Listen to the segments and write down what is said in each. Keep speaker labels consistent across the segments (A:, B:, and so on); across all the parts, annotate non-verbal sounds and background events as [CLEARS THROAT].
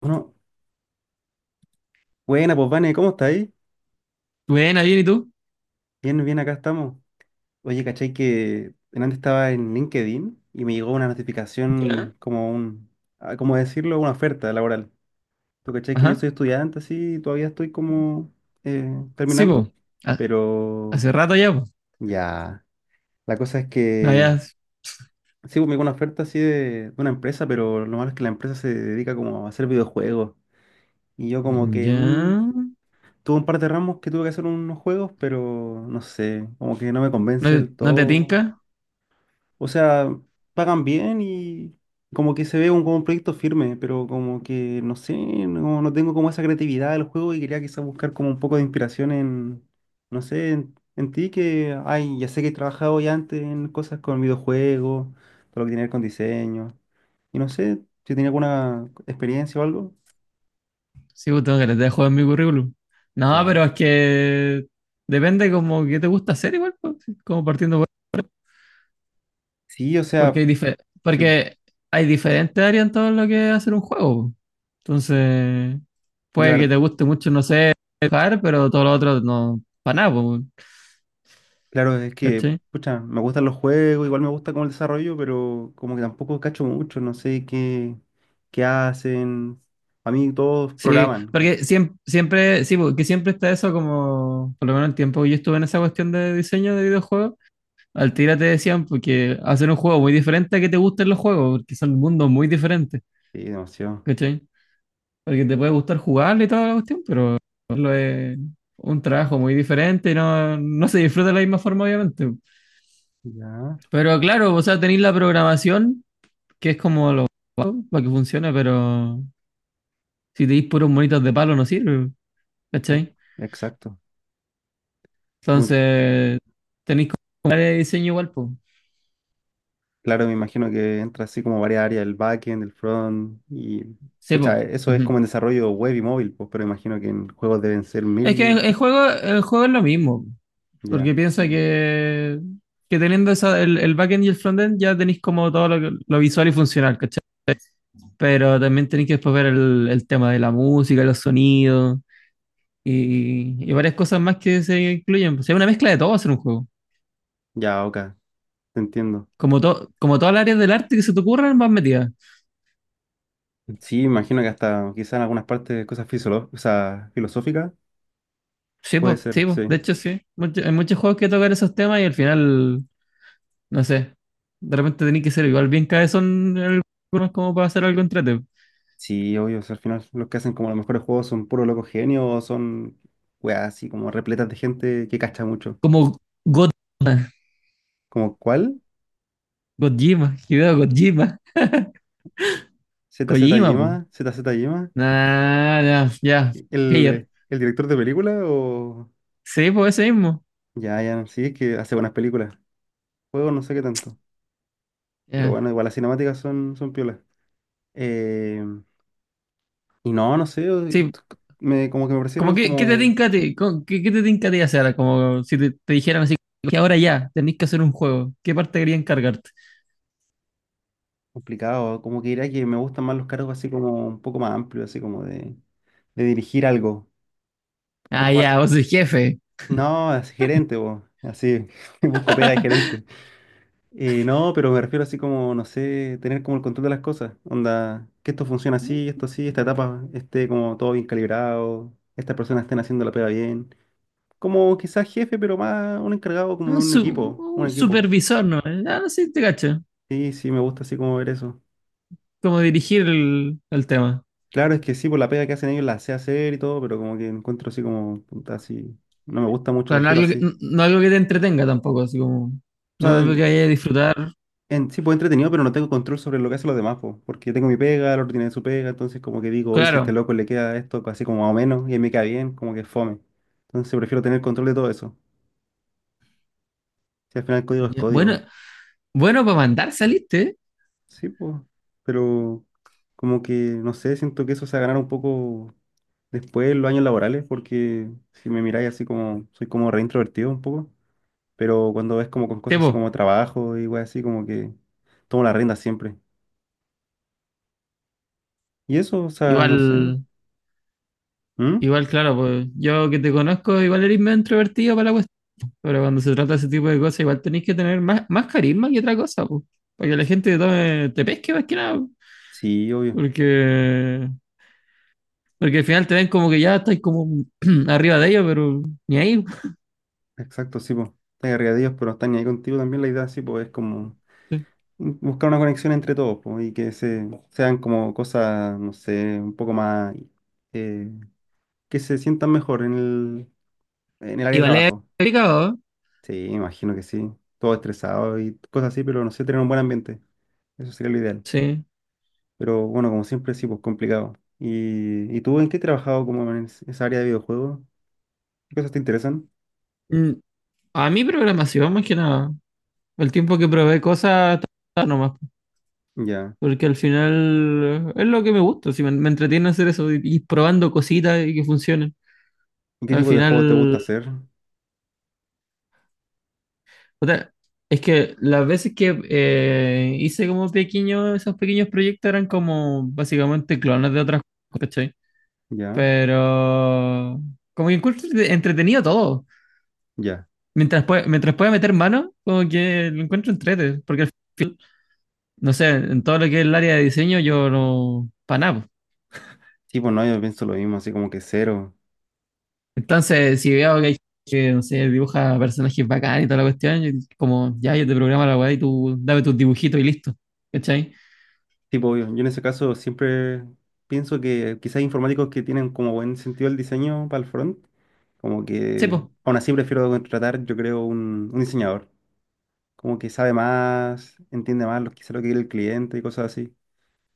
A: Bueno, Buena, pues Vane, ¿cómo está ahí?
B: Buena, bien, ¿y tú?
A: Bien, bien, acá estamos. Oye, ¿cachai que antes estaba en LinkedIn y me llegó una
B: Ya.
A: notificación como un, ¿cómo decirlo? Una oferta laboral. ¿Tú cachai que yo soy
B: Ajá.
A: estudiante, así, todavía estoy como
B: Sí,
A: terminando?
B: po. Ha-
A: Pero
B: Hace rato ya, po.
A: ya, la cosa es
B: No,
A: que
B: ya.
A: sí, pues, me llegó una oferta así de una empresa, pero lo malo es que la empresa se dedica como a hacer videojuegos. Y yo como que,
B: Ya.
A: tuve un par de ramos que tuve que hacer unos juegos, pero no sé, como que no me
B: ¿No,
A: convence del
B: no te
A: todo.
B: tinca?
A: O sea, pagan bien y como que se ve un, como un proyecto firme, pero como que no sé, no, no tengo como esa creatividad del juego y quería quizás buscar como un poco de inspiración en, no sé, en ti que, ay, ya sé que he trabajado ya antes en cosas con videojuegos, todo lo que tiene que ver con diseño. Y no sé si tenía alguna experiencia o algo.
B: Sí, po, tengo que les dejo en mi currículum. No,
A: Ya.
B: pero es que depende como que te gusta hacer igual, po, sí, como partiendo
A: Sí, o
B: porque
A: sea,
B: hay dife-
A: sí, yo
B: porque hay diferentes áreas en todo lo que es hacer un juego, po. Entonces,
A: la
B: puede que
A: verdad.
B: te guste mucho, no sé, dibujar, pero todo lo otro no, para nada, po,
A: Claro, es que,
B: ¿cachai?
A: pucha, me gustan los juegos, igual me gusta como el desarrollo, pero como que tampoco cacho mucho, no sé qué hacen. A mí todos
B: Sí,
A: programan.
B: porque siempre, siempre, sí, porque siempre está eso como, por lo menos el tiempo que yo estuve en esa cuestión de diseño de videojuegos, al tira te decían porque hacer un juego muy diferente a que te gusten los juegos, porque son mundos muy diferentes,
A: Sí, demasiado.
B: ¿cachai? Porque te puede gustar jugarle y toda la cuestión, pero lo es un trabajo muy diferente y no, no se disfruta de la misma forma, obviamente.
A: Ya,
B: Pero claro, o sea, tenéis la programación, que es como lo básico para que funcione, pero si tenéis puros monitos de palo no sirve,
A: ex-
B: ¿cachai?
A: exacto. Sí, pues,
B: Entonces, tenéis que comprar el diseño igual, pues.
A: claro, me imagino que entra así como varias áreas, el backend, el front, y
B: Sí,
A: pucha,
B: po.
A: eso es como
B: Ujú.
A: en desarrollo web y móvil, pues, pero imagino que en juegos deben ser
B: Es que el,
A: mil.
B: el juego, el juego es lo mismo, porque
A: Ya,
B: piensa que teniendo esa, el backend y el frontend ya tenéis como todo lo, lo visual y funcional, ¿cachai? Pero también tenéis que después ver el tema de la música, los sonidos y varias cosas más que se incluyen. O sea, una mezcla de todo hacer un juego.
A: ya, ok, te entiendo.
B: Como, como todas las áreas del arte que se te ocurran, vas metida.
A: Sí, imagino que hasta quizá en algunas partes cosas o sea, filosóficas.
B: Sí,
A: Puede
B: pues,
A: ser,
B: sí, po.
A: sí.
B: De hecho, sí. Hay muchos juegos que tocan esos temas y al final no sé. De repente tenés que ser igual bien cabezón en algunos como para hacer algo entrete.
A: Sí, obvio, o sea, al final los que hacen como los mejores juegos son puros locos genios o son weas así como repletas de gente que cacha mucho.
B: Como God
A: ¿Como cuál?
B: Gojima, Hideo Gojima,
A: ¿Z Z
B: Kojima, po.
A: Yema? ¿Z Z Yema?
B: Nah, nah, ya,
A: Sí.
B: Player.
A: El director de película o...?
B: Sí, pues ese mismo.
A: Ya, ya, sí, es que hace buenas películas. Juegos no sé qué tanto. Pero
B: Ya.
A: bueno, igual las cinemáticas son, son piolas. Eh, no sé,
B: Sí,
A: como que me
B: como
A: parecieron
B: que, ¿qué te
A: como
B: tinca a ti? ¿Qué, qué te tinca a ti hacer? Como si te, te dijeran así, que ahora ya, tenés que hacer un juego. ¿Qué parte quería encargarte?
A: complicados, como que diría que me gustan más los cargos así como un poco más amplios, así como de dirigir algo.
B: Ah,
A: Una par-
B: ya, vos sois jefe.
A: No, es gerente, vos. Así, [LAUGHS] busco pega de
B: [LAUGHS]
A: gerente. No, pero me refiero así como, no sé, tener como el control de las cosas. Onda, que esto funciona así, esto así, esta etapa esté como todo bien calibrado, estas personas estén haciendo la pega bien. Como quizás jefe, pero más un encargado como de
B: Un,
A: un equipo, un
B: un
A: equipo.
B: supervisor, ¿no? Ah, no sé, te cacho.
A: Sí, sí, me gusta así como ver eso.
B: Como dirigir el tema.
A: Claro, es que sí, por la pega que hacen ellos la sé hacer y todo, pero como que encuentro así como, puta, así, no me gusta mucho,
B: Claro, no
A: prefiero
B: algo que,
A: así.
B: no algo que te entretenga tampoco, así como.
A: O
B: No
A: sea,
B: algo que vaya a disfrutar.
A: en, sí, pues entretenido, pero no tengo control sobre lo que hacen los demás, po, porque yo tengo mi pega, el otro tiene su pega, entonces como que digo, oye, si este
B: Claro.
A: loco le queda esto así como más o menos y a mí me queda bien, como que es fome. Entonces prefiero tener control de todo eso. Si al final el código es
B: Ya, bueno,
A: código.
B: bueno, para mandar saliste, ¿eh?
A: Sí, pues, pero como que, no sé, siento que eso se va a ganar un poco después en los años laborales, porque si me miráis así como, soy como reintrovertido un poco, pero cuando ves como con
B: Sí,
A: cosas así
B: po.
A: como trabajo y weas así, como que tomo la rienda siempre. Y eso, o sea, no sé.
B: Igual,
A: ¿Mm?
B: igual, claro, pues yo que te conozco, igual eres medio introvertido para la cuestión. Pero cuando se trata de ese tipo de cosas, igual tenéis que tener más, más carisma que otra cosa, pues. Para que la gente te te pesque más que nada, po.
A: Sí, obvio.
B: Porque, porque al final te ven como que ya estás como [CLEARS THROAT] arriba de ellos, pero ni ahí, po.
A: Exacto, sí, pues. Están arriba de ellos, pero están ahí contigo también. La idea, sí, pues, es como buscar una conexión entre todos, pues, y que se, sean como cosas, no sé, un poco más, eh, que se sientan mejor en el área de
B: Igual es
A: trabajo.
B: complicado, ¿eh?
A: Sí, me imagino que sí. Todo estresado y cosas así, pero no sé, tener un buen ambiente. Eso sería lo ideal.
B: Sí.
A: Pero bueno, como siempre, sí, pues, complicado. ¿Y tú en qué has trabajado como en esa área de videojuegos? ¿Qué cosas te interesan?
B: Mm, a mi programación, más que nada. El tiempo que probé cosas está bueno nomás,
A: Ya.
B: porque al final es lo que me gusta, si me, me entretiene hacer eso, ir probando cositas y que funcionen.
A: ¿Y qué
B: Al
A: tipo de juegos te gusta
B: final,
A: hacer?
B: o sea, es que las veces que hice como pequeños, esos pequeños proyectos eran como básicamente clones de otras cosas, ¿cachai?
A: Ya.
B: Pero como que encuentro entretenido todo.
A: Ya.
B: Mientras, mientras pueda meter mano, como que lo encuentro entrete, porque no sé, en todo lo que es el área de diseño yo no, para nada.
A: Sí, pues no, yo pienso lo mismo, así como que cero.
B: Entonces, si veo que hay gente que, no sé, dibuja personajes bacanes y toda la cuestión, yo- como, ya, yo te programo la weá y tú dame tus dibujitos y listo. ¿Cachai?
A: Sí, pues, obvio. Yo en ese caso siempre pienso que quizás informáticos que tienen como buen sentido el diseño para el front, como
B: Sí,
A: que
B: pues,
A: aún así prefiero contratar, yo creo, un diseñador, como que sabe más, entiende más lo, quizás lo que quiere el cliente y cosas así.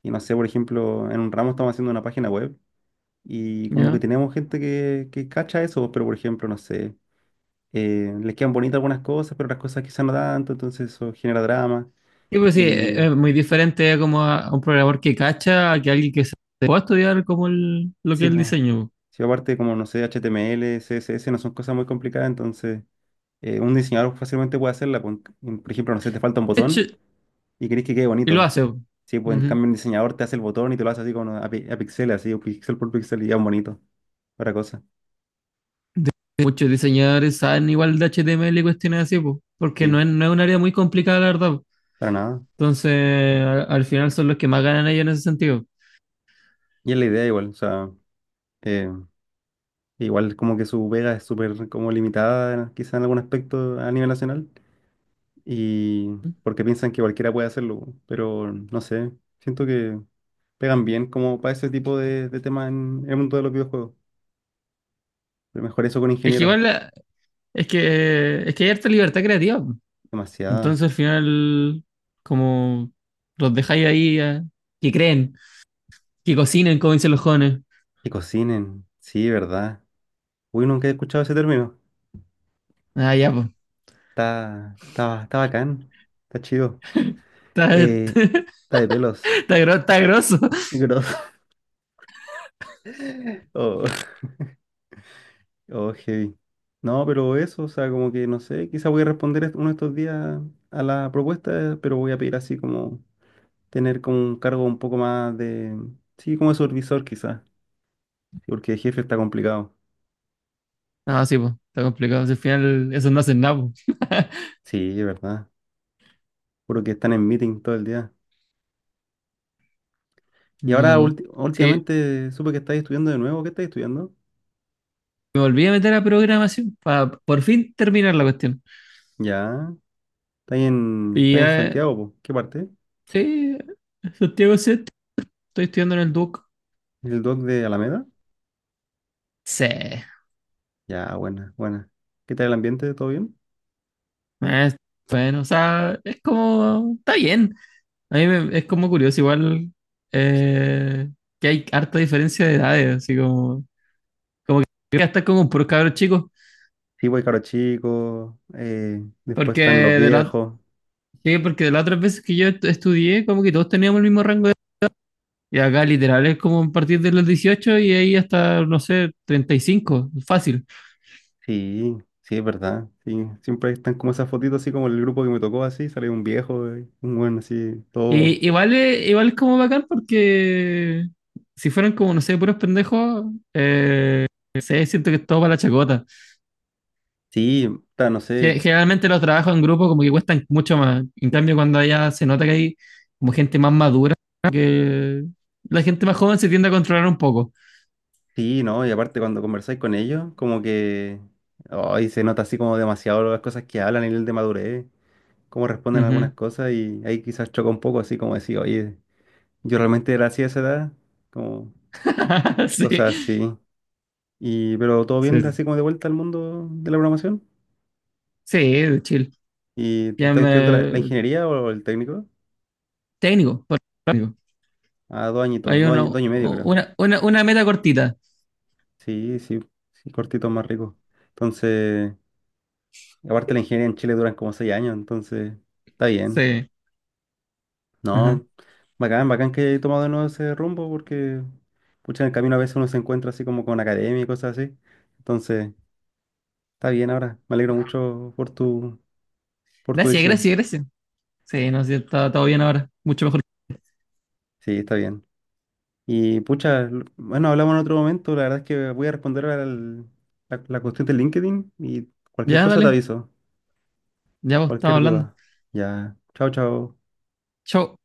A: Y no sé, por ejemplo, en un ramo estamos haciendo una página web y como que
B: ¿ya?
A: tenemos gente que cacha eso, pero por ejemplo, no sé, les quedan bonitas algunas cosas, pero otras cosas quizás no tanto, entonces eso genera drama.
B: Sí, pues sí,
A: Y
B: es muy diferente como a un programador que cacha, a que alguien que se pueda estudiar como lo que
A: sí,
B: es el
A: pues.
B: diseño.
A: Sí, aparte, como no sé, HTML CSS no son cosas muy complicadas, entonces un diseñador fácilmente puede hacerla. Por ejemplo, no sé, te falta un
B: De hecho,
A: botón y querés que quede
B: y lo
A: bonito.
B: hace, po.
A: Sí, pues en
B: Ujú.
A: cambio un diseñador te hace el botón y te lo hace así como a, a pixeles, así, o pixel por pixel y ya es bonito. Para cosa.
B: De- muchos diseñadores saben igual de HTML y cuestiones así, po, porque no
A: Sí,
B: es, no es un área muy complicada, la verdad, po.
A: para nada.
B: Entonces, al, al final son los que más ganan ellos en ese sentido.
A: Y es la idea igual, o sea, eh, igual como que su vega es súper como limitada, quizá en algún aspecto a nivel nacional, y porque piensan que cualquiera puede hacerlo, pero no sé, siento que pegan bien como para ese tipo de temas en el mundo de los videojuegos. Pero mejor eso con
B: Es que
A: ingenieros.
B: igual es que, es que hay harta libertad creativa.
A: Demasiada.
B: Entonces, al final, como los dejáis ahí, que creen, que cocinen, como dicen los jóvenes.
A: Que cocinen. Sí, ¿verdad? Uy, nunca he escuchado ese término.
B: Ah, ya, pues.
A: Está, está, está bacán. Está chido.
B: Está,
A: Eh,
B: está,
A: está de pelos.
B: está está grosso.
A: [LAUGHS] Grosso. [LAUGHS] Oh, oh, heavy. No, pero eso, o sea, como que no sé, quizá voy a responder uno de estos días a la propuesta, pero voy a pedir así como tener como un cargo un poco más de, sí, como de supervisor quizás, porque el jefe está complicado.
B: No, sí, pues. Está complicado. Si al final, eso no hacen nada, po. [LAUGHS]
A: Sí, es verdad. Juro que están en meeting todo el día. Y
B: No
A: ahora
B: cagó. Sí,
A: últimamente supe que estáis estudiando de nuevo. ¿Qué estáis estudiando?
B: me volví a meter a programación para por fin terminar la cuestión.
A: Ya. ¿Estáis en,
B: Y
A: estáis en
B: ya,
A: Santiago, po? ¿Qué parte?
B: sí, Santiago Set, estoy estudiando en el Duoc.
A: ¿El doc de Alameda?
B: Sí,
A: Ya, buena, buena. ¿Qué tal el ambiente? ¿Todo bien?
B: es bueno, o sea, es como, está bien. A mí es como curioso, igual eh, que hay harta diferencia de edades, así como... Yo voy a estar como puros cabros chicos,
A: Sí, voy caro chico. Después
B: porque
A: están los
B: de la,
A: viejos.
B: sí, porque de las otras veces que yo estudié, como que todos teníamos el mismo rango de edad. Y acá literal es como a partir de los 18 y ahí hasta, no sé, 35 fácil.
A: Sí, sí, es verdad. Sí, siempre están como esas fotitos así como el grupo que me tocó así. Sale un viejo, un buen así, todo.
B: Y, igual es como bacán porque si fueran como, no sé, puros pendejos, eh, no sé, siento que es todo para la chacota.
A: Sí, ta, no sé.
B: Generalmente los trabajos en grupo como que cuestan mucho más. En cambio, cuando allá se nota que hay como gente más madura, que la gente más joven se tiende a controlar un poco.
A: Sí, ¿no? Y aparte cuando conversáis con ellos, como que ay, se nota así como demasiado las cosas que hablan, el nivel de madurez, cómo responden algunas
B: Ujú.
A: cosas y ahí quizás choca un poco así como decir, oye, yo realmente era así a esa edad, como
B: [LAUGHS]
A: cosas
B: Sí,
A: así. Y, pero todo
B: sí,
A: bien así como de vuelta al mundo de la programación.
B: sí, de chill.
A: ¿Y
B: Ya
A: estás estudiando la, la
B: me-
A: ingeniería o el técnico?
B: Técnico, por técnico.
A: Ah, 2 añitos,
B: Hay
A: dos años, 2 años y medio creo.
B: una meta cortita.
A: Sí, sí, sí, cortito más rico. Entonces, aparte la ingeniería en Chile duran como 6 años, entonces está bien.
B: Sí. Ajá.
A: No, bacán, bacán que he tomado de nuevo ese rumbo porque, pucha, en el camino a veces uno se encuentra así como con academia y cosas así. Entonces, está bien ahora. Me alegro mucho por tu
B: Gracias,
A: decisión.
B: gracias, gracias. Sí, no, sí, está todo bien ahora. Mucho mejor.
A: Sí, está bien. Y, pucha, bueno, hablamos en otro momento. La verdad es que voy a responder la cuestión de LinkedIn y cualquier
B: Ya,
A: cosa te
B: dale.
A: aviso,
B: Ya vos, estamos
A: cualquier
B: hablando.
A: duda. Ya, chao, chao.
B: Chau.